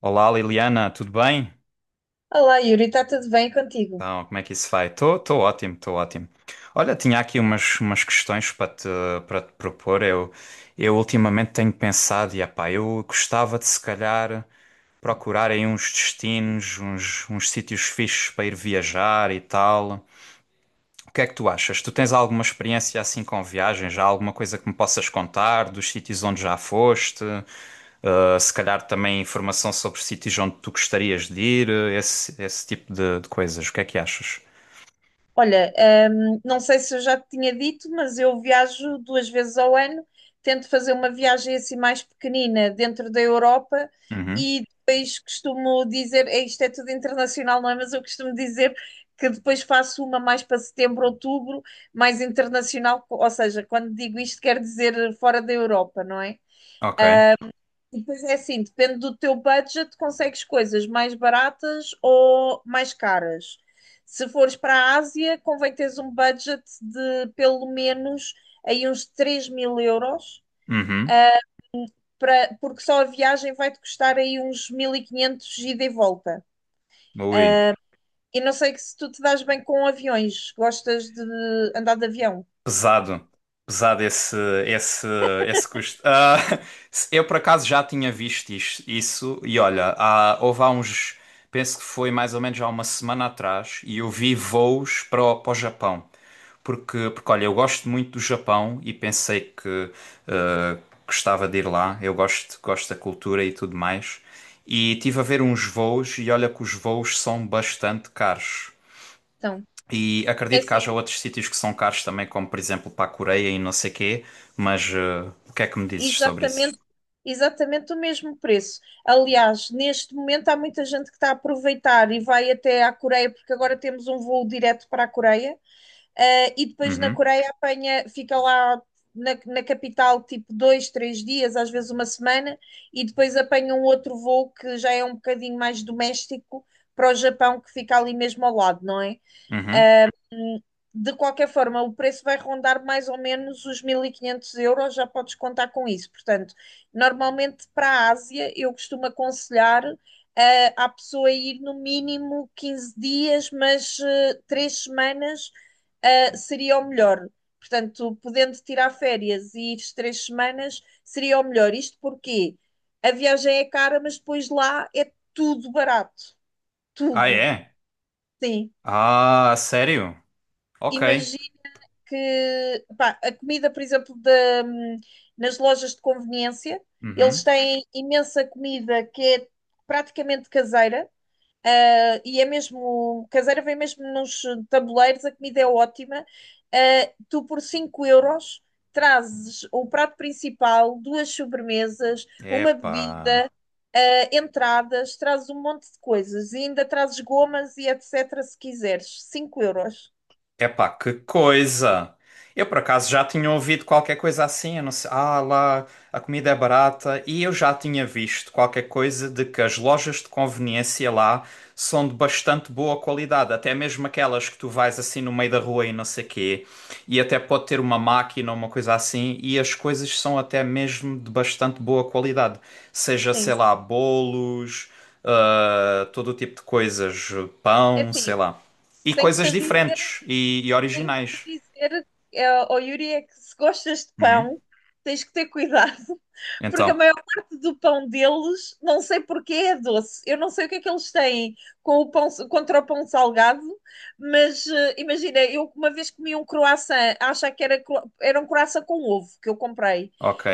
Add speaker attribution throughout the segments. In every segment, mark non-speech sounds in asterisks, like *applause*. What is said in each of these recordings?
Speaker 1: Olá Liliana, tudo bem?
Speaker 2: Olá, Yuri, está tudo bem contigo?
Speaker 1: Então, como é que isso vai? Estou ótimo, estou ótimo. Olha, tinha aqui umas questões para te propor. Eu ultimamente tenho pensado, e epá, eu gostava de se calhar procurar aí uns destinos, uns sítios fixes para ir viajar e tal. O que é que tu achas? Tu tens alguma experiência assim com viagens? Já alguma coisa que me possas contar dos sítios onde já foste? Se calhar também informação sobre sítios onde tu gostarias de ir, esse tipo de coisas. O que é que achas?
Speaker 2: Olha, não sei se eu já te tinha dito, mas eu viajo duas vezes ao ano, tento fazer uma viagem assim mais pequenina dentro da Europa
Speaker 1: Uhum.
Speaker 2: e depois costumo dizer, é, isto é tudo internacional, não é? Mas eu costumo dizer que depois faço uma mais para setembro, outubro, mais internacional, ou seja, quando digo isto quer dizer fora da Europa, não é?
Speaker 1: Ok.
Speaker 2: Depois é assim, depende do teu budget, consegues coisas mais baratas ou mais caras. Se fores para a Ásia, convém teres um budget de pelo menos aí uns 3.000 euros,
Speaker 1: Uhum.
Speaker 2: para, porque só a viagem vai-te custar aí uns 1.500 ida e volta.
Speaker 1: Ui.
Speaker 2: E não sei que se tu te dás bem com aviões, gostas de andar de avião.
Speaker 1: Pesado, pesado esse, esse custo. Ah, *laughs* eu por acaso já tinha visto isso, e olha, houve há uns, penso que foi mais ou menos há uma semana atrás, e eu vi voos para para o Japão. Porque olha, eu gosto muito do Japão e pensei que ah, gostava de ir lá, eu gosto da cultura e tudo mais. E tive a ver uns voos, e olha que os voos são bastante caros.
Speaker 2: Então,
Speaker 1: E
Speaker 2: é
Speaker 1: acredito que
Speaker 2: assim,
Speaker 1: haja outros sítios que são caros também, como por exemplo para a Coreia e não sei quê, mas o que é que me dizes sobre isso?
Speaker 2: exatamente exatamente o mesmo preço. Aliás, neste momento há muita gente que está a aproveitar e vai até à Coreia, porque agora temos um voo direto para a Coreia, e depois na
Speaker 1: Uhum,
Speaker 2: Coreia apanha, fica lá na capital tipo dois, três dias, às vezes uma semana, e depois apanha um outro voo que já é um bocadinho mais doméstico para o Japão, que fica ali mesmo ao lado, não é?
Speaker 1: uhum.
Speaker 2: De qualquer forma, o preço vai rondar mais ou menos os 1.500 euros, já podes contar com isso. Portanto, normalmente para a Ásia, eu costumo aconselhar à pessoa ir no mínimo 15 dias, mas 3 semanas seria o melhor. Portanto, podendo tirar férias e ir 3 semanas seria o melhor. Isto porque a viagem é cara, mas depois lá é tudo barato.
Speaker 1: Ah,
Speaker 2: Tudo.
Speaker 1: é?
Speaker 2: Sim.
Speaker 1: Ah, sério? Ok.
Speaker 2: Imagina que pá, a comida, por exemplo, nas lojas de conveniência, eles
Speaker 1: Uhum.
Speaker 2: têm imensa comida que é praticamente caseira. E é mesmo caseira, vem mesmo nos tabuleiros, a comida é ótima. Tu por 5 euros trazes o prato principal, duas sobremesas, uma
Speaker 1: Epá.
Speaker 2: bebida, entradas, trazes um monte de coisas e ainda trazes gomas e etc. se quiseres. 5 euros.
Speaker 1: Epá, que coisa! Eu por acaso já tinha ouvido qualquer coisa assim, eu não sei, ah lá, a comida é barata, e eu já tinha visto qualquer coisa de que as lojas de conveniência lá são de bastante boa qualidade, até mesmo aquelas que tu vais assim no meio da rua e não sei quê, e até pode ter uma máquina ou uma coisa assim, e as coisas são até mesmo de bastante boa qualidade, seja,
Speaker 2: Sim.
Speaker 1: sei lá, bolos, ah, todo o tipo de coisas,
Speaker 2: É
Speaker 1: pão, sei
Speaker 2: assim,
Speaker 1: lá. E
Speaker 2: Tenho-te
Speaker 1: coisas
Speaker 2: a dizer,
Speaker 1: diferentes e
Speaker 2: tenho-te a
Speaker 1: originais.
Speaker 2: dizer, ó Yuri, é que se gostas de
Speaker 1: Uhum.
Speaker 2: pão, tens que ter cuidado, *laughs* porque a
Speaker 1: Então,
Speaker 2: maior parte do pão deles, não sei porquê, é doce. Eu não sei o que é que eles têm com o pão, contra o pão salgado, mas imagina, eu uma vez comi um croissant, acho que era, era um croissant com ovo que eu comprei.
Speaker 1: ok.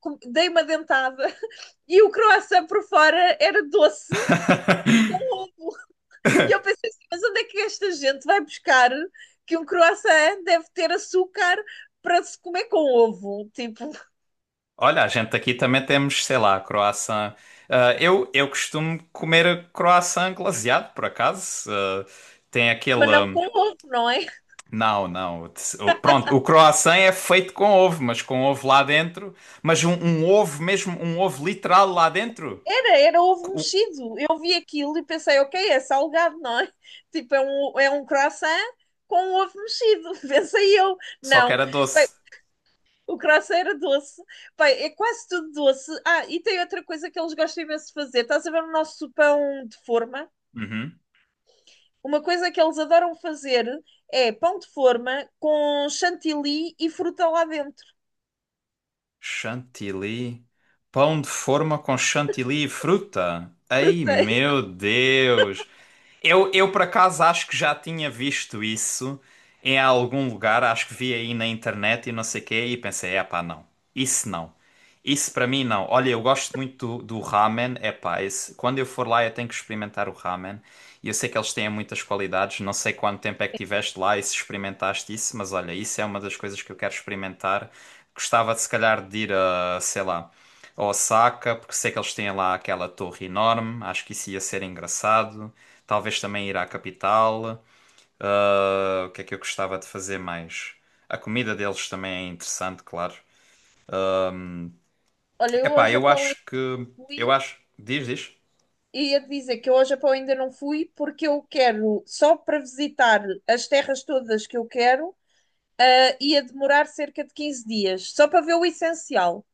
Speaker 2: Dei uma dentada *laughs* e o croissant por fora era doce com
Speaker 1: *laughs*
Speaker 2: ovo. E eu pensei assim, mas onde é que esta gente vai buscar que um croissant deve ter açúcar para se comer com ovo? Tipo,
Speaker 1: Olha, a gente aqui também temos, sei lá, croissant. Ah, eu costumo comer croissant glaseado, por acaso. Ah, tem aquele.
Speaker 2: mas não com ovo, não é?
Speaker 1: Não, não. Pronto, o croissant é feito com ovo, mas com ovo lá dentro. Mas um ovo mesmo, um ovo literal lá dentro.
Speaker 2: Era, era ovo
Speaker 1: Co-
Speaker 2: mexido. Eu vi aquilo e pensei, ok, é salgado, não é? Tipo, é um croissant com ovo mexido. *laughs* Pensei eu,
Speaker 1: Só que
Speaker 2: não.
Speaker 1: era
Speaker 2: Bem,
Speaker 1: doce.
Speaker 2: o croissant era doce. Bem, é quase tudo doce. Ah, e tem outra coisa que eles gostam imenso de fazer. Estás a ver o nosso pão de forma?
Speaker 1: Uhum.
Speaker 2: Uma coisa que eles adoram fazer é pão de forma com chantilly e fruta lá dentro.
Speaker 1: Chantilly. Pão de forma com chantilly e fruta.
Speaker 2: *laughs*
Speaker 1: Ai,
Speaker 2: Frutei.
Speaker 1: meu Deus! Eu por acaso acho que já tinha visto isso em algum lugar, acho que vi aí na internet e não sei o quê, e pensei, epá, não, isso não. Isso para mim não. Olha, eu gosto muito do ramen, epá, esse, quando eu for lá eu tenho que experimentar o ramen. E eu sei que eles têm muitas qualidades, não sei quanto tempo é que tiveste lá e se experimentaste isso, mas olha, isso é uma das coisas que eu quero experimentar. Gostava de se calhar de ir a, sei lá, a Osaka, porque sei que eles têm lá aquela torre enorme, acho que isso ia ser engraçado. Talvez também ir à capital. Ah, o que é que eu gostava de fazer mais? A comida deles também é interessante, claro.
Speaker 2: Olha, eu
Speaker 1: Epá,
Speaker 2: hoje a
Speaker 1: eu
Speaker 2: pão
Speaker 1: acho
Speaker 2: ainda
Speaker 1: que.
Speaker 2: fui
Speaker 1: Eu acho. Diz, diz.
Speaker 2: e ia dizer que eu hoje a pão ainda não fui porque eu quero só para visitar as terras todas que eu quero ia demorar cerca de 15 dias, só para ver o essencial.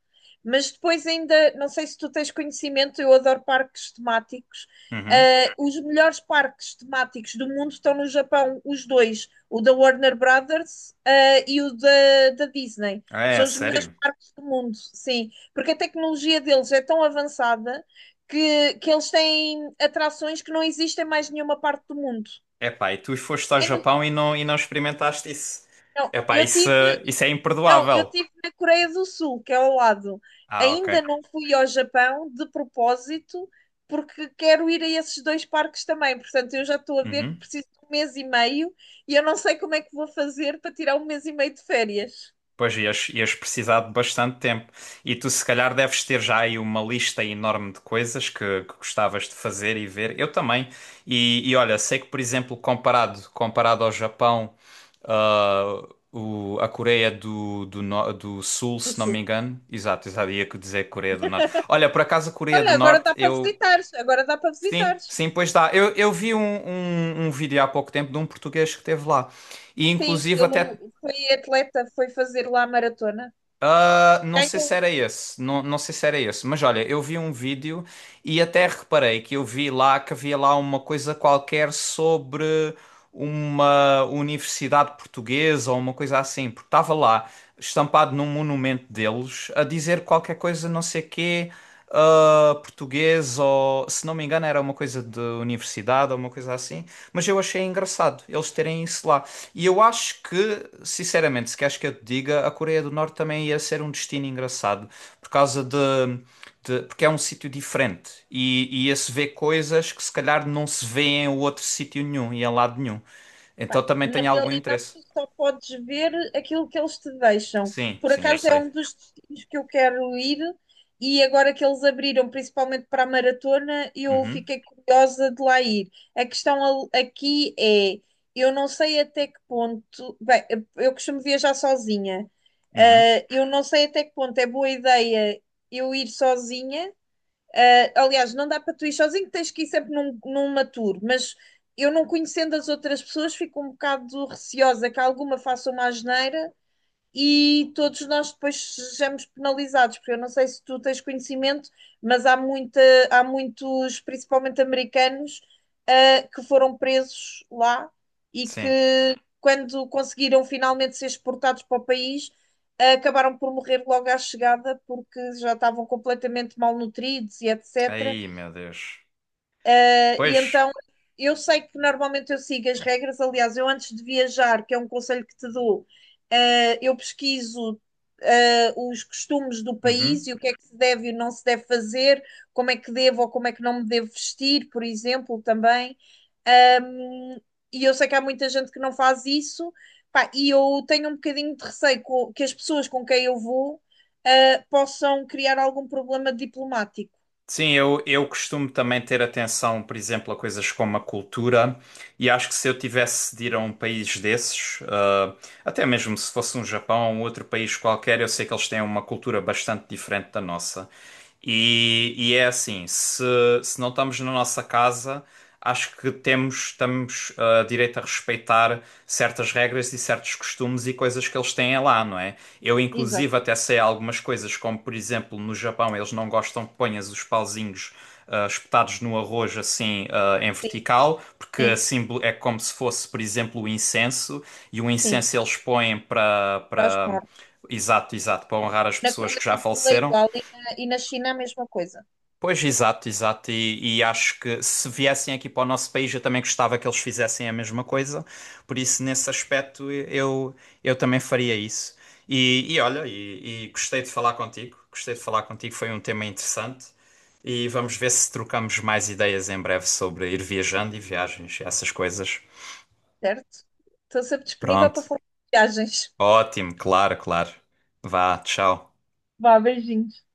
Speaker 2: Mas depois ainda, não sei se tu tens conhecimento, eu adoro parques temáticos.
Speaker 1: Uhum.
Speaker 2: Os melhores parques temáticos do mundo estão no Japão, os dois, o da Warner Brothers, e o da Disney.
Speaker 1: Ah, é,
Speaker 2: São os melhores
Speaker 1: sério?
Speaker 2: parques do mundo, sim, porque a tecnologia deles é tão avançada que eles têm atrações que não existem em mais nenhuma parte do mundo.
Speaker 1: Epá, e tu foste ao
Speaker 2: É no-
Speaker 1: Japão e não experimentaste isso?
Speaker 2: não,
Speaker 1: Epá,
Speaker 2: eu tive
Speaker 1: isso é
Speaker 2: Não, eu
Speaker 1: imperdoável.
Speaker 2: estive na Coreia do Sul, que é ao lado.
Speaker 1: Ah, ok.
Speaker 2: Ainda não fui ao Japão de propósito, porque quero ir a esses dois parques também. Portanto, eu já estou a ver que
Speaker 1: Uhum.
Speaker 2: preciso de um mês e meio e eu não sei como é que vou fazer para tirar um mês e meio de férias
Speaker 1: Pois ias precisar de bastante tempo. E tu, se calhar, deves ter já aí uma lista enorme de coisas que gostavas de fazer e ver. Eu também. E olha, sei que, por exemplo, comparado ao Japão, ah, a Coreia do Sul,
Speaker 2: do
Speaker 1: se não me
Speaker 2: Sul.
Speaker 1: engano. Exato, exato, ia dizer Coreia do Norte. Olha, por acaso, a Coreia do
Speaker 2: Olha, agora
Speaker 1: Norte,
Speaker 2: dá para
Speaker 1: eu.
Speaker 2: visitares, agora dá para
Speaker 1: Sim,
Speaker 2: visitares.
Speaker 1: sim, pois dá. Eu vi um vídeo há pouco tempo de um português que esteve lá. E
Speaker 2: Sim,
Speaker 1: inclusive
Speaker 2: eu
Speaker 1: até
Speaker 2: fui atleta, foi fazer lá a maratona.
Speaker 1: Ah, não sei se era esse, não, não sei se era esse, mas olha, eu vi um vídeo e até reparei que eu vi lá que havia lá uma coisa qualquer sobre uma universidade portuguesa ou uma coisa assim, porque estava lá estampado num monumento deles a dizer qualquer coisa, não sei quê, ah, português ou se não me engano era uma coisa de universidade ou uma coisa assim, mas eu achei engraçado eles terem isso lá. E eu acho que, sinceramente, se queres que eu te diga, a Coreia do Norte também ia ser um destino engraçado, por causa porque é um sítio diferente e ia se ver coisas que se calhar não se vê em outro sítio nenhum e em lado nenhum. Então
Speaker 2: Pá,
Speaker 1: também
Speaker 2: na
Speaker 1: tem algum
Speaker 2: realidade,
Speaker 1: interesse.
Speaker 2: tu só podes ver aquilo que eles te deixam.
Speaker 1: Sim,
Speaker 2: Por
Speaker 1: sim, eu
Speaker 2: acaso é
Speaker 1: sei.
Speaker 2: um dos destinos que eu quero ir, e agora que eles abriram, principalmente para a maratona, eu
Speaker 1: Uhum,
Speaker 2: fiquei curiosa de lá ir. A questão aqui é: eu não sei até que ponto. Bem, eu costumo viajar sozinha.
Speaker 1: uhum,
Speaker 2: Eu não sei até que ponto é boa ideia eu ir sozinha aliás, não dá para tu ir sozinho, tens que ir sempre numa tour, mas eu não conhecendo as outras pessoas, fico um bocado receosa que alguma faça uma asneira e todos nós depois sejamos penalizados, porque eu não sei se tu tens conhecimento, mas há muitos, principalmente americanos, que foram presos lá e
Speaker 1: sim.
Speaker 2: que, quando conseguiram finalmente ser exportados para o país, acabaram por morrer logo à chegada, porque já estavam completamente malnutridos e etc.
Speaker 1: Aí, meu Deus.
Speaker 2: E
Speaker 1: Pois.
Speaker 2: então eu sei que normalmente eu sigo as regras. Aliás, eu antes de viajar, que é um conselho que te dou, eu pesquiso os costumes do país
Speaker 1: Uhum.
Speaker 2: e o que é que se deve e não se deve fazer, como é que devo ou como é que não me devo vestir, por exemplo, também. Um, e eu sei que há muita gente que não faz isso, pá, e eu tenho um bocadinho de receio que as pessoas com quem eu vou possam criar algum problema diplomático.
Speaker 1: Sim, eu costumo também ter atenção, por exemplo, a coisas como a cultura, e acho que se eu tivesse de ir a um país desses, ah, até mesmo se fosse um Japão ou outro país qualquer, eu sei que eles têm uma cultura bastante diferente da nossa. E é assim, se não estamos na nossa casa, acho que temos, estamos, ah, direito a respeitar certas regras e certos costumes e coisas que eles têm lá, não é? Eu, inclusive,
Speaker 2: Exato,
Speaker 1: até sei algumas coisas, como por exemplo, no Japão eles não gostam que ponhas os pauzinhos ah, espetados no arroz assim ah, em
Speaker 2: sim,
Speaker 1: vertical, porque
Speaker 2: sim,
Speaker 1: assim é como se fosse, por exemplo, o incenso, e o
Speaker 2: sim.
Speaker 1: incenso eles põem para
Speaker 2: Para os mortos.
Speaker 1: Exato, exato, para honrar as
Speaker 2: Na
Speaker 1: pessoas que
Speaker 2: Coreia
Speaker 1: já
Speaker 2: do Sul é
Speaker 1: faleceram.
Speaker 2: igual e na China a mesma coisa,
Speaker 1: Pois, exato, exato. E acho que se viessem aqui para o nosso país, eu também gostava que eles fizessem a mesma coisa. Por isso, nesse aspecto, eu também faria isso. E olha, e gostei de falar contigo. Gostei de falar contigo, foi um tema interessante. E vamos ver se trocamos mais ideias em breve sobre ir viajando e viagens, e essas coisas.
Speaker 2: certo? Estou sempre disponível
Speaker 1: Pronto.
Speaker 2: para falar de viagens.
Speaker 1: Ótimo, claro, claro. Vá, tchau.
Speaker 2: Vá, beijinhos.